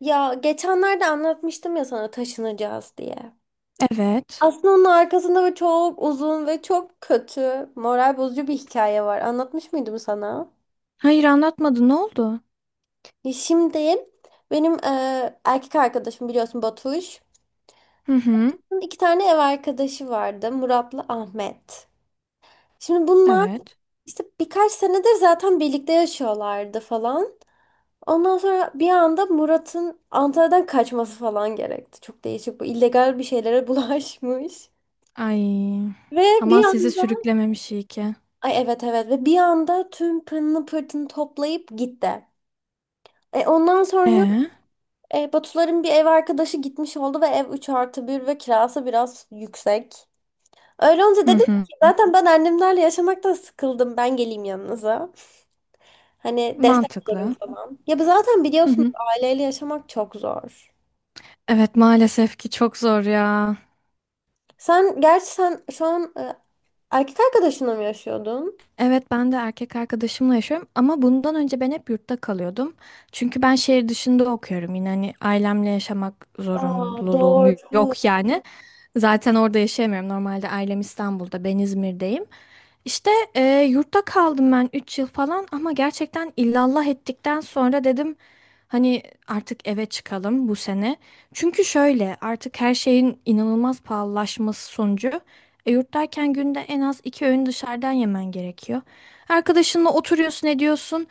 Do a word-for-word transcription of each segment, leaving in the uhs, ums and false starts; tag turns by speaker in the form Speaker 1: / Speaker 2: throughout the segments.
Speaker 1: Ya geçenlerde anlatmıştım ya sana taşınacağız diye.
Speaker 2: Evet.
Speaker 1: Aslında onun arkasında böyle çok uzun ve çok kötü, moral bozucu bir hikaye var. Anlatmış mıydım sana?
Speaker 2: Hayır, anlatmadı. Ne oldu?
Speaker 1: Ya şimdi benim e, erkek arkadaşım biliyorsun Batuş.
Speaker 2: Hı hı.
Speaker 1: Bunun İki tane ev arkadaşı vardı, Murat'la Ahmet. Şimdi bunlar
Speaker 2: Evet.
Speaker 1: işte birkaç senedir zaten birlikte yaşıyorlardı falan. Ondan sonra bir anda Murat'ın Antalya'dan kaçması falan gerekti. Çok değişik, bu illegal bir şeylere bulaşmış.
Speaker 2: Ay.
Speaker 1: Ve
Speaker 2: Aman
Speaker 1: bir
Speaker 2: sizi
Speaker 1: anda,
Speaker 2: sürüklememiş iyi ki.
Speaker 1: ay evet evet, ve bir anda tüm pırını pırtını toplayıp gitti. E ondan sonra
Speaker 2: Ee?
Speaker 1: e, Batuların bir ev arkadaşı gitmiş oldu ve ev üç artı bir ve kirası biraz yüksek. Öyle olunca
Speaker 2: Hı
Speaker 1: dedim
Speaker 2: hı.
Speaker 1: ki zaten ben annemlerle yaşamaktan sıkıldım, ben geleyim yanınıza. Hani destek olurum
Speaker 2: Mantıklı.
Speaker 1: falan. Ya bu zaten
Speaker 2: Hı
Speaker 1: biliyorsunuz,
Speaker 2: hı.
Speaker 1: aileyle yaşamak çok zor.
Speaker 2: Evet, maalesef ki çok zor ya.
Speaker 1: Sen gerçi, sen şu an e, erkek arkadaşınla mı yaşıyordun?
Speaker 2: Evet, ben de erkek arkadaşımla yaşıyorum ama bundan önce ben hep yurtta kalıyordum. Çünkü ben şehir dışında okuyorum, yine hani ailemle yaşamak
Speaker 1: Aa
Speaker 2: zorunluluğum
Speaker 1: doğru.
Speaker 2: yok yani. Zaten orada yaşayamıyorum. Normalde ailem İstanbul'da, ben İzmir'deyim. İşte e, yurtta kaldım ben üç yıl falan ama gerçekten illallah ettikten sonra dedim hani artık eve çıkalım bu sene. Çünkü şöyle, artık her şeyin inanılmaz pahalılaşması sonucu. E, yurt derken günde en az iki öğün dışarıdan yemen gerekiyor. Arkadaşınla oturuyorsun, ediyorsun,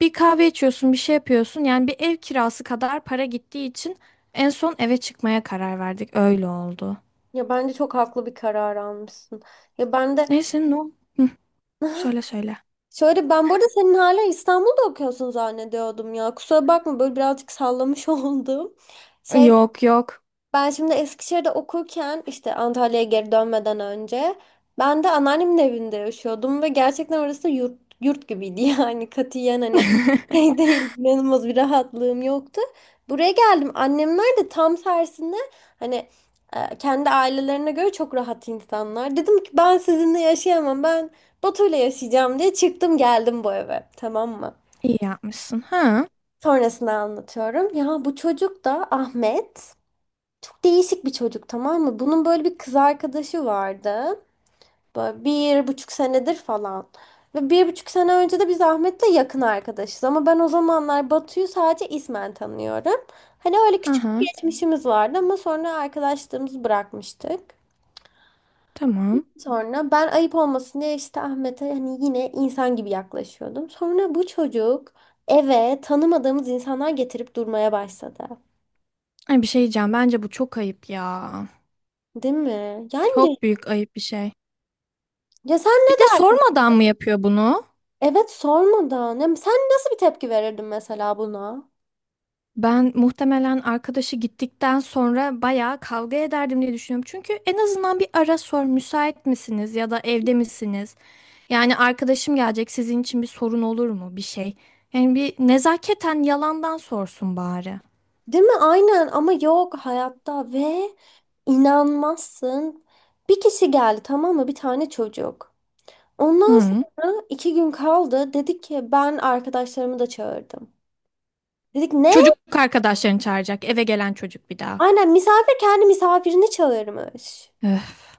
Speaker 2: bir kahve içiyorsun, bir şey yapıyorsun. Yani bir ev kirası kadar para gittiği için en son eve çıkmaya karar verdik. Öyle oldu.
Speaker 1: Ya bence çok haklı bir karar almışsın. Ya ben de
Speaker 2: Neyse, no. Hı, söyle söyle.
Speaker 1: şöyle, ben burada senin hala İstanbul'da okuyorsun zannediyordum ya. Kusura bakma, böyle birazcık sallamış oldum. Şey
Speaker 2: Yok yok.
Speaker 1: Ben şimdi Eskişehir'de okurken, işte Antalya'ya geri dönmeden önce ben de anneannemin evinde yaşıyordum ve gerçekten orası da yurt, yurt gibiydi yani katiyen hani şey değil, inanılmaz bir rahatlığım yoktu. Buraya geldim, annemler de tam tersinde hani e, kendi ailelerine göre çok rahat insanlar. Dedim ki ben sizinle yaşayamam, ben Batu'yla yaşayacağım, diye çıktım geldim bu eve, tamam mı?
Speaker 2: İyi yapmışsın. Ha,
Speaker 1: Sonrasını anlatıyorum. Ya bu çocuk da Ahmet. Çok değişik bir çocuk, tamam mı? Bunun böyle bir kız arkadaşı vardı. Böyle bir buçuk senedir falan. Ve bir buçuk sene önce de biz Ahmet'le yakın arkadaşız. Ama ben o zamanlar Batu'yu sadece ismen tanıyorum. Hani öyle
Speaker 2: ha,
Speaker 1: küçük bir
Speaker 2: ha.
Speaker 1: geçmişimiz vardı ama sonra arkadaşlığımızı bırakmıştık.
Speaker 2: Tamam.
Speaker 1: Sonra ben ayıp olmasın diye işte Ahmet'e hani yine insan gibi yaklaşıyordum. Sonra bu çocuk eve tanımadığımız insanlar getirip durmaya başladı.
Speaker 2: Ay, bir şey diyeceğim. Bence bu çok ayıp ya.
Speaker 1: Değil mi? Yani
Speaker 2: Çok büyük ayıp bir şey.
Speaker 1: ya sen ne
Speaker 2: Bir de
Speaker 1: derdin?
Speaker 2: sormadan mı yapıyor bunu?
Speaker 1: Evet, sormadan. Ya sen nasıl bir tepki verirdin mesela buna?
Speaker 2: Ben muhtemelen arkadaşı gittikten sonra bayağı kavga ederdim diye düşünüyorum. Çünkü en azından bir ara sor, müsait misiniz ya da evde misiniz? Yani arkadaşım gelecek, sizin için bir sorun olur mu bir şey? Yani bir nezaketen yalandan sorsun bari.
Speaker 1: Değil mi? Aynen, ama yok hayatta ve inanmazsın. Bir kişi geldi, tamam mı? Bir tane çocuk. Ondan
Speaker 2: Hı.
Speaker 1: sonra iki gün kaldı. Dedik ki ben arkadaşlarımı da çağırdım. Dedik ne?
Speaker 2: Çocuk arkadaşlarını çağıracak, eve gelen çocuk bir daha.
Speaker 1: Aynen, misafir kendi misafirini çağırmış.
Speaker 2: Öf.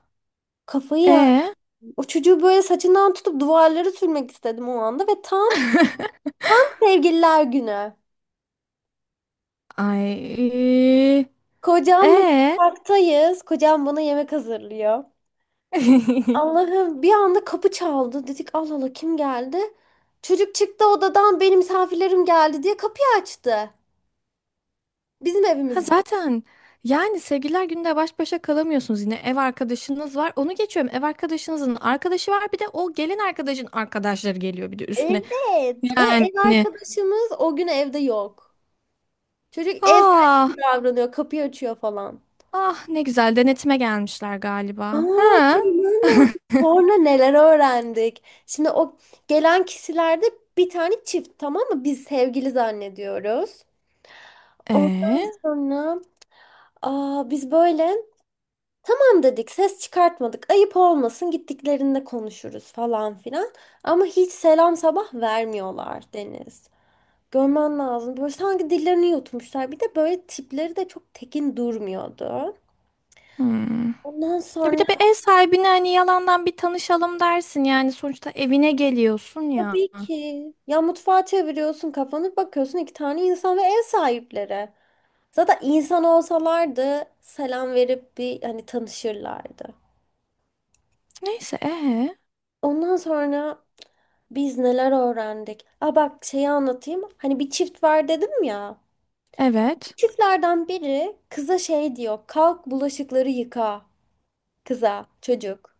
Speaker 1: Kafayı yer.
Speaker 2: E.
Speaker 1: O çocuğu böyle saçından tutup duvarlara sürmek istedim o anda ve tam sevgililer günü.
Speaker 2: Ay.
Speaker 1: Kocamla
Speaker 2: E.
Speaker 1: mutfaktayız. Kocam bana yemek hazırlıyor. Allah'ım, bir anda kapı çaldı. Dedik Allah Allah, kim geldi? Çocuk çıktı odadan, benim misafirlerim geldi diye kapıyı açtı. Bizim
Speaker 2: Ha
Speaker 1: evimizde.
Speaker 2: zaten, yani sevgililer gününde baş başa kalamıyorsunuz, yine ev arkadaşınız var, onu geçiyorum, ev arkadaşınızın arkadaşı var, bir de o gelin arkadaşın arkadaşları geliyor bir de üstüne,
Speaker 1: Evet ve
Speaker 2: yani
Speaker 1: ev arkadaşımız o gün evde yok. Çocuk ev sahibi
Speaker 2: ah,
Speaker 1: gibi davranıyor, kapıyı açıyor falan.
Speaker 2: ah, ne güzel, denetime gelmişler
Speaker 1: Aa,
Speaker 2: galiba ha,
Speaker 1: inanamıyorum. Sonra neler öğrendik. Şimdi o gelen kişilerde bir tane çift, tamam mı? Biz sevgili zannediyoruz. Ondan
Speaker 2: e
Speaker 1: sonra, aa, biz böyle tamam dedik, ses çıkartmadık, ayıp olmasın, gittiklerinde konuşuruz falan filan. Ama hiç selam sabah vermiyorlar Deniz. Görmen lazım. Böyle sanki dillerini yutmuşlar. Bir de böyle tipleri de çok tekin durmuyordu.
Speaker 2: hmm.
Speaker 1: Ondan
Speaker 2: Ya bir
Speaker 1: sonra
Speaker 2: de bir ev sahibine hani yalandan bir tanışalım dersin, yani sonuçta evine geliyorsun ya,
Speaker 1: tabii ki ya, mutfağa çeviriyorsun kafanı, bakıyorsun iki tane insan ve ev sahipleri. Zaten insan olsalardı selam verip bir hani tanışırlardı.
Speaker 2: neyse. E
Speaker 1: Ondan sonra biz neler öğrendik? Aa bak, şeyi anlatayım. Hani bir çift var dedim ya.
Speaker 2: evet.
Speaker 1: Çiftlerden biri kıza şey diyor. Kalk bulaşıkları yıka. Kıza, çocuk.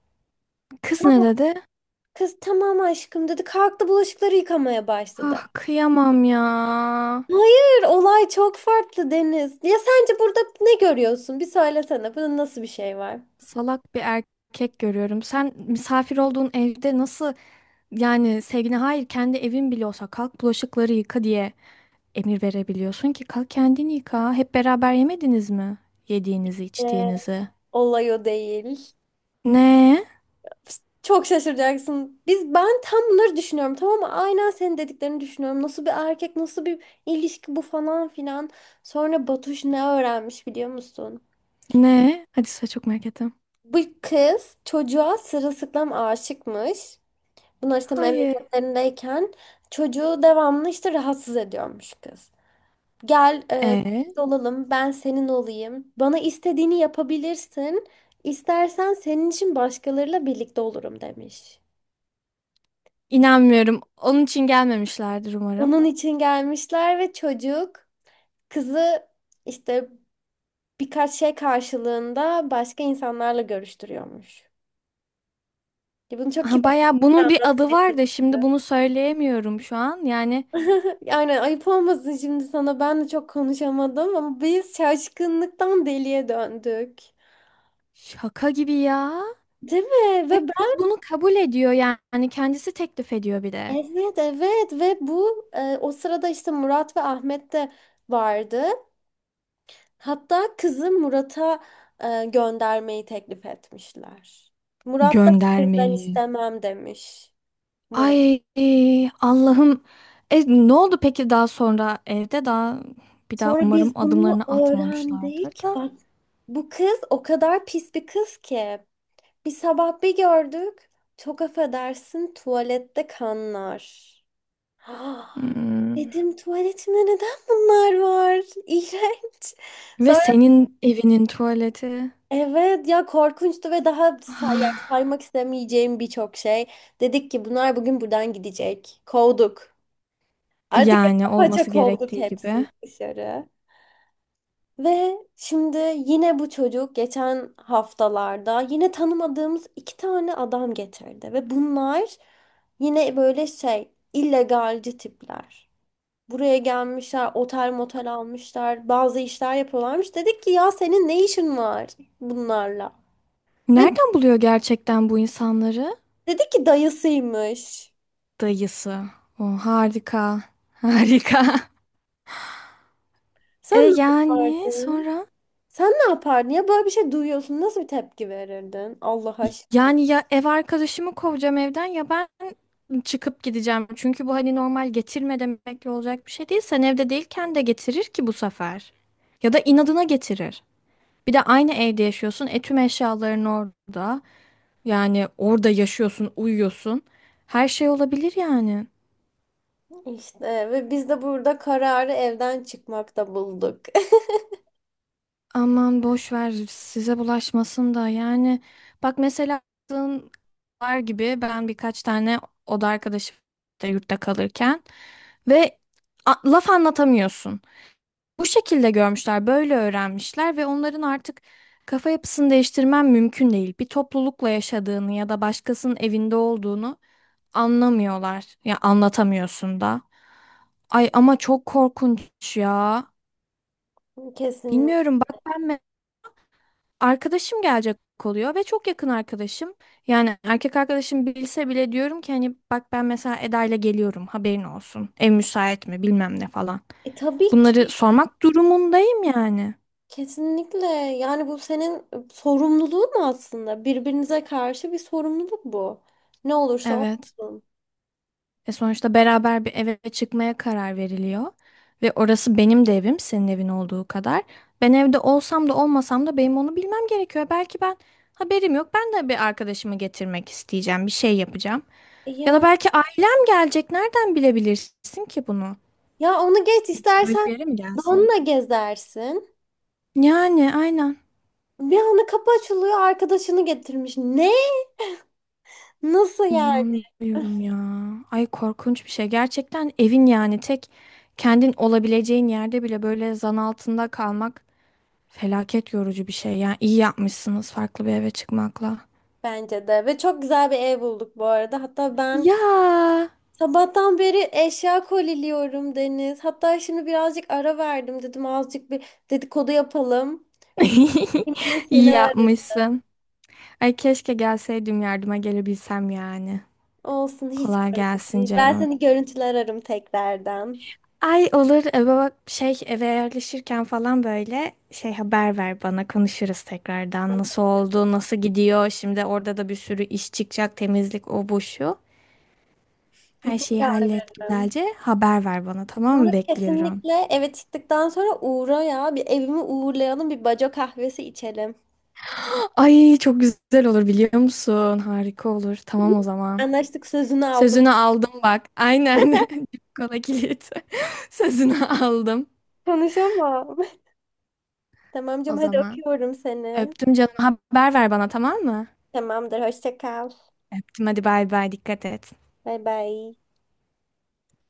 Speaker 2: Kız ne
Speaker 1: Kalk.
Speaker 2: dedi?
Speaker 1: Kız tamam aşkım dedi. Kalktı bulaşıkları yıkamaya
Speaker 2: Ah,
Speaker 1: başladı.
Speaker 2: kıyamam ya.
Speaker 1: Hayır, olay çok farklı Deniz. Ya sence burada ne görüyorsun? Bir söylesene. Bunun nasıl bir şey var?
Speaker 2: Salak bir erkek görüyorum. Sen misafir olduğun evde nasıl, yani sevgine hayır, kendi evin bile olsa kalk bulaşıkları yıka diye emir verebiliyorsun ki kalk kendini yıka. Hep beraber yemediniz mi? Yediğinizi,
Speaker 1: Ee,
Speaker 2: içtiğinizi.
Speaker 1: Olay o değil.
Speaker 2: Ne?
Speaker 1: Çok şaşıracaksın. Biz ben tam bunları düşünüyorum, tamam mı? Aynen senin dediklerini düşünüyorum. Nasıl bir erkek, nasıl bir ilişki bu falan filan. Sonra Batuş ne öğrenmiş biliyor musun?
Speaker 2: Ne? Hadi, size çok merak ettim.
Speaker 1: Bu kız çocuğa sırılsıklam aşıkmış. Bunlar işte
Speaker 2: Hayır.
Speaker 1: memleketlerindeyken çocuğu devamlı işte rahatsız ediyormuş kız. Gel e,
Speaker 2: E,
Speaker 1: birlikte olalım, ben senin olayım. Bana istediğini yapabilirsin. İstersen senin için başkalarıyla birlikte olurum, demiş.
Speaker 2: inanmıyorum. Onun için gelmemişlerdir umarım.
Speaker 1: Onun için gelmişler ve çocuk kızı işte birkaç şey karşılığında başka insanlarla görüştürüyormuş. Ya bunu çok
Speaker 2: Ha,
Speaker 1: kibarca
Speaker 2: baya bunun bir adı
Speaker 1: anlatmaya
Speaker 2: var da
Speaker 1: çalıştı.
Speaker 2: şimdi bunu söyleyemiyorum şu an. Yani
Speaker 1: Yani ayıp olmasın şimdi sana, ben de çok konuşamadım ama biz şaşkınlıktan deliye döndük.
Speaker 2: şaka gibi ya.
Speaker 1: Değil mi?
Speaker 2: Ve
Speaker 1: Ve
Speaker 2: kız
Speaker 1: ben,
Speaker 2: bunu kabul ediyor yani, kendisi teklif ediyor bir de.
Speaker 1: evet evet, ve bu e, o sırada işte Murat ve Ahmet de vardı. Hatta kızı Murat'a e, göndermeyi teklif etmişler. Murat da hayır ben
Speaker 2: Göndermeyi.
Speaker 1: istemem demiş. Murat.
Speaker 2: Ay Allah'ım. E, ne oldu peki daha sonra evde daha, bir daha
Speaker 1: Sonra
Speaker 2: umarım
Speaker 1: biz bunu
Speaker 2: adımlarını atmamışlardır
Speaker 1: öğrendik.
Speaker 2: da.
Speaker 1: Bak, bu kız o kadar pis bir kız ki. Bir sabah bir gördük. Çok affedersin, tuvalette kanlar. Ah,
Speaker 2: Hmm.
Speaker 1: dedim tuvaletimde neden bunlar var? İğrenç.
Speaker 2: Ve
Speaker 1: Sonra
Speaker 2: senin evinin tuvaleti.
Speaker 1: evet ya, korkunçtu ve daha say yani
Speaker 2: Ah.
Speaker 1: saymak istemeyeceğim birçok şey. Dedik ki bunlar bugün buradan gidecek. Kovduk. Artık
Speaker 2: Yani
Speaker 1: paça
Speaker 2: olması
Speaker 1: kovduk
Speaker 2: gerektiği gibi.
Speaker 1: hepsini dışarı. Ve şimdi yine bu çocuk geçen haftalarda yine tanımadığımız iki tane adam getirdi. Ve bunlar yine böyle şey illegalci tipler. Buraya gelmişler, otel motel almışlar, bazı işler yapıyorlarmış. Dedik ki ya senin ne işin var bunlarla? Ve
Speaker 2: Nereden buluyor gerçekten bu insanları?
Speaker 1: dedi ki dayısıymış.
Speaker 2: Dayısı. O harika. Harika.
Speaker 1: Sen
Speaker 2: E
Speaker 1: ne
Speaker 2: yani
Speaker 1: yapardın?
Speaker 2: sonra?
Speaker 1: Sen ne yapardın? Ya böyle bir şey duyuyorsun. Nasıl bir tepki verirdin? Allah aşkına.
Speaker 2: Yani ya ev arkadaşımı kovacağım evden ya ben çıkıp gideceğim. Çünkü bu hani normal getirme demekle olacak bir şey değil. Sen evde değilken de getirir ki bu sefer. Ya da inadına getirir. Bir de aynı evde yaşıyorsun. E, tüm eşyaların orada. Yani orada yaşıyorsun, uyuyorsun. Her şey olabilir yani.
Speaker 1: İşte ve biz de burada kararı evden çıkmakta bulduk.
Speaker 2: Aman boş ver, size bulaşmasın da, yani bak mesela aklın var gibi, ben birkaç tane oda arkadaşım da yurtta kalırken ve a- laf anlatamıyorsun. Bu şekilde görmüşler, böyle öğrenmişler ve onların artık kafa yapısını değiştirmen mümkün değil. Bir toplulukla yaşadığını ya da başkasının evinde olduğunu anlamıyorlar. Ya anlatamıyorsun da. Ay ama çok korkunç ya.
Speaker 1: Kesin.
Speaker 2: Bilmiyorum, bak ben, arkadaşım gelecek oluyor ve çok yakın arkadaşım. Yani erkek arkadaşım bilse bile diyorum ki hani bak ben mesela Eda ile geliyorum, haberin olsun. Ev müsait mi, bilmem ne falan.
Speaker 1: E, tabii
Speaker 2: Bunları
Speaker 1: ki.
Speaker 2: sormak durumundayım yani.
Speaker 1: Kesinlikle. Yani bu senin sorumluluğun aslında. Birbirinize karşı bir sorumluluk bu. Ne olursa
Speaker 2: Evet.
Speaker 1: olsun.
Speaker 2: E sonuçta beraber bir eve çıkmaya karar veriliyor. Ve orası benim de evim, senin evin olduğu kadar. Ben evde olsam da olmasam da benim onu bilmem gerekiyor. Belki ben, haberim yok, ben de bir arkadaşımı getirmek isteyeceğim, bir şey yapacağım.
Speaker 1: E
Speaker 2: Ya da
Speaker 1: yani,
Speaker 2: belki ailem gelecek. Nereden bilebilirsin ki bunu?
Speaker 1: ya onu geç,
Speaker 2: Böyle
Speaker 1: istersen
Speaker 2: bir yere mi gelsin?
Speaker 1: donla gezersin.
Speaker 2: Yani aynen.
Speaker 1: Bir anda kapı açılıyor, arkadaşını getirmiş. Ne? Nasıl yani?
Speaker 2: İnanmıyorum ya. Ay, korkunç bir şey. Gerçekten evin, yani tek kendin olabileceğin yerde bile böyle zan altında kalmak felaket yorucu bir şey. Yani iyi yapmışsınız farklı bir eve çıkmakla.
Speaker 1: Bence de. Ve çok güzel bir ev bulduk bu arada. Hatta ben
Speaker 2: Ya.
Speaker 1: sabahtan beri eşya koliliyorum Deniz. Hatta şimdi birazcık ara verdim dedim. Azıcık bir dedikodu yapalım. Bir gideyim diye
Speaker 2: İyi
Speaker 1: seni aradım.
Speaker 2: yapmışsın. Ay keşke gelseydim, yardıma gelebilsem yani.
Speaker 1: Olsun, hiç
Speaker 2: Kolay
Speaker 1: sorun
Speaker 2: gelsin
Speaker 1: değil. Ben
Speaker 2: canım.
Speaker 1: seni görüntüler ararım tekrardan.
Speaker 2: Ay, olur. E, baba, şey eve yerleşirken falan böyle şey haber ver bana, konuşuruz tekrardan, nasıl oldu, nasıl gidiyor, şimdi orada da bir sürü iş çıkacak, temizlik, o bu şu, her şeyi
Speaker 1: Mutlaka
Speaker 2: hallet
Speaker 1: ararım.
Speaker 2: güzelce, haber ver bana, tamam
Speaker 1: Ama
Speaker 2: mı? Bekliyorum.
Speaker 1: kesinlikle eve çıktıktan sonra uğra ya. Bir evimi uğurlayalım. Bir baco kahvesi içelim.
Speaker 2: Ay çok güzel olur, biliyor musun, harika olur. Tamam, o zaman
Speaker 1: Anlaştık, sözünü aldım.
Speaker 2: sözünü aldım, bak aynen. Kola kilit. Sözünü aldım
Speaker 1: Konuşamam. Tamam canım,
Speaker 2: o
Speaker 1: hadi
Speaker 2: zaman.
Speaker 1: öpüyorum seni.
Speaker 2: Öptüm canım, haber ver bana tamam mı?
Speaker 1: Tamamdır, hoşça kal.
Speaker 2: Öptüm hadi, bay bay, dikkat et.
Speaker 1: Bay bay.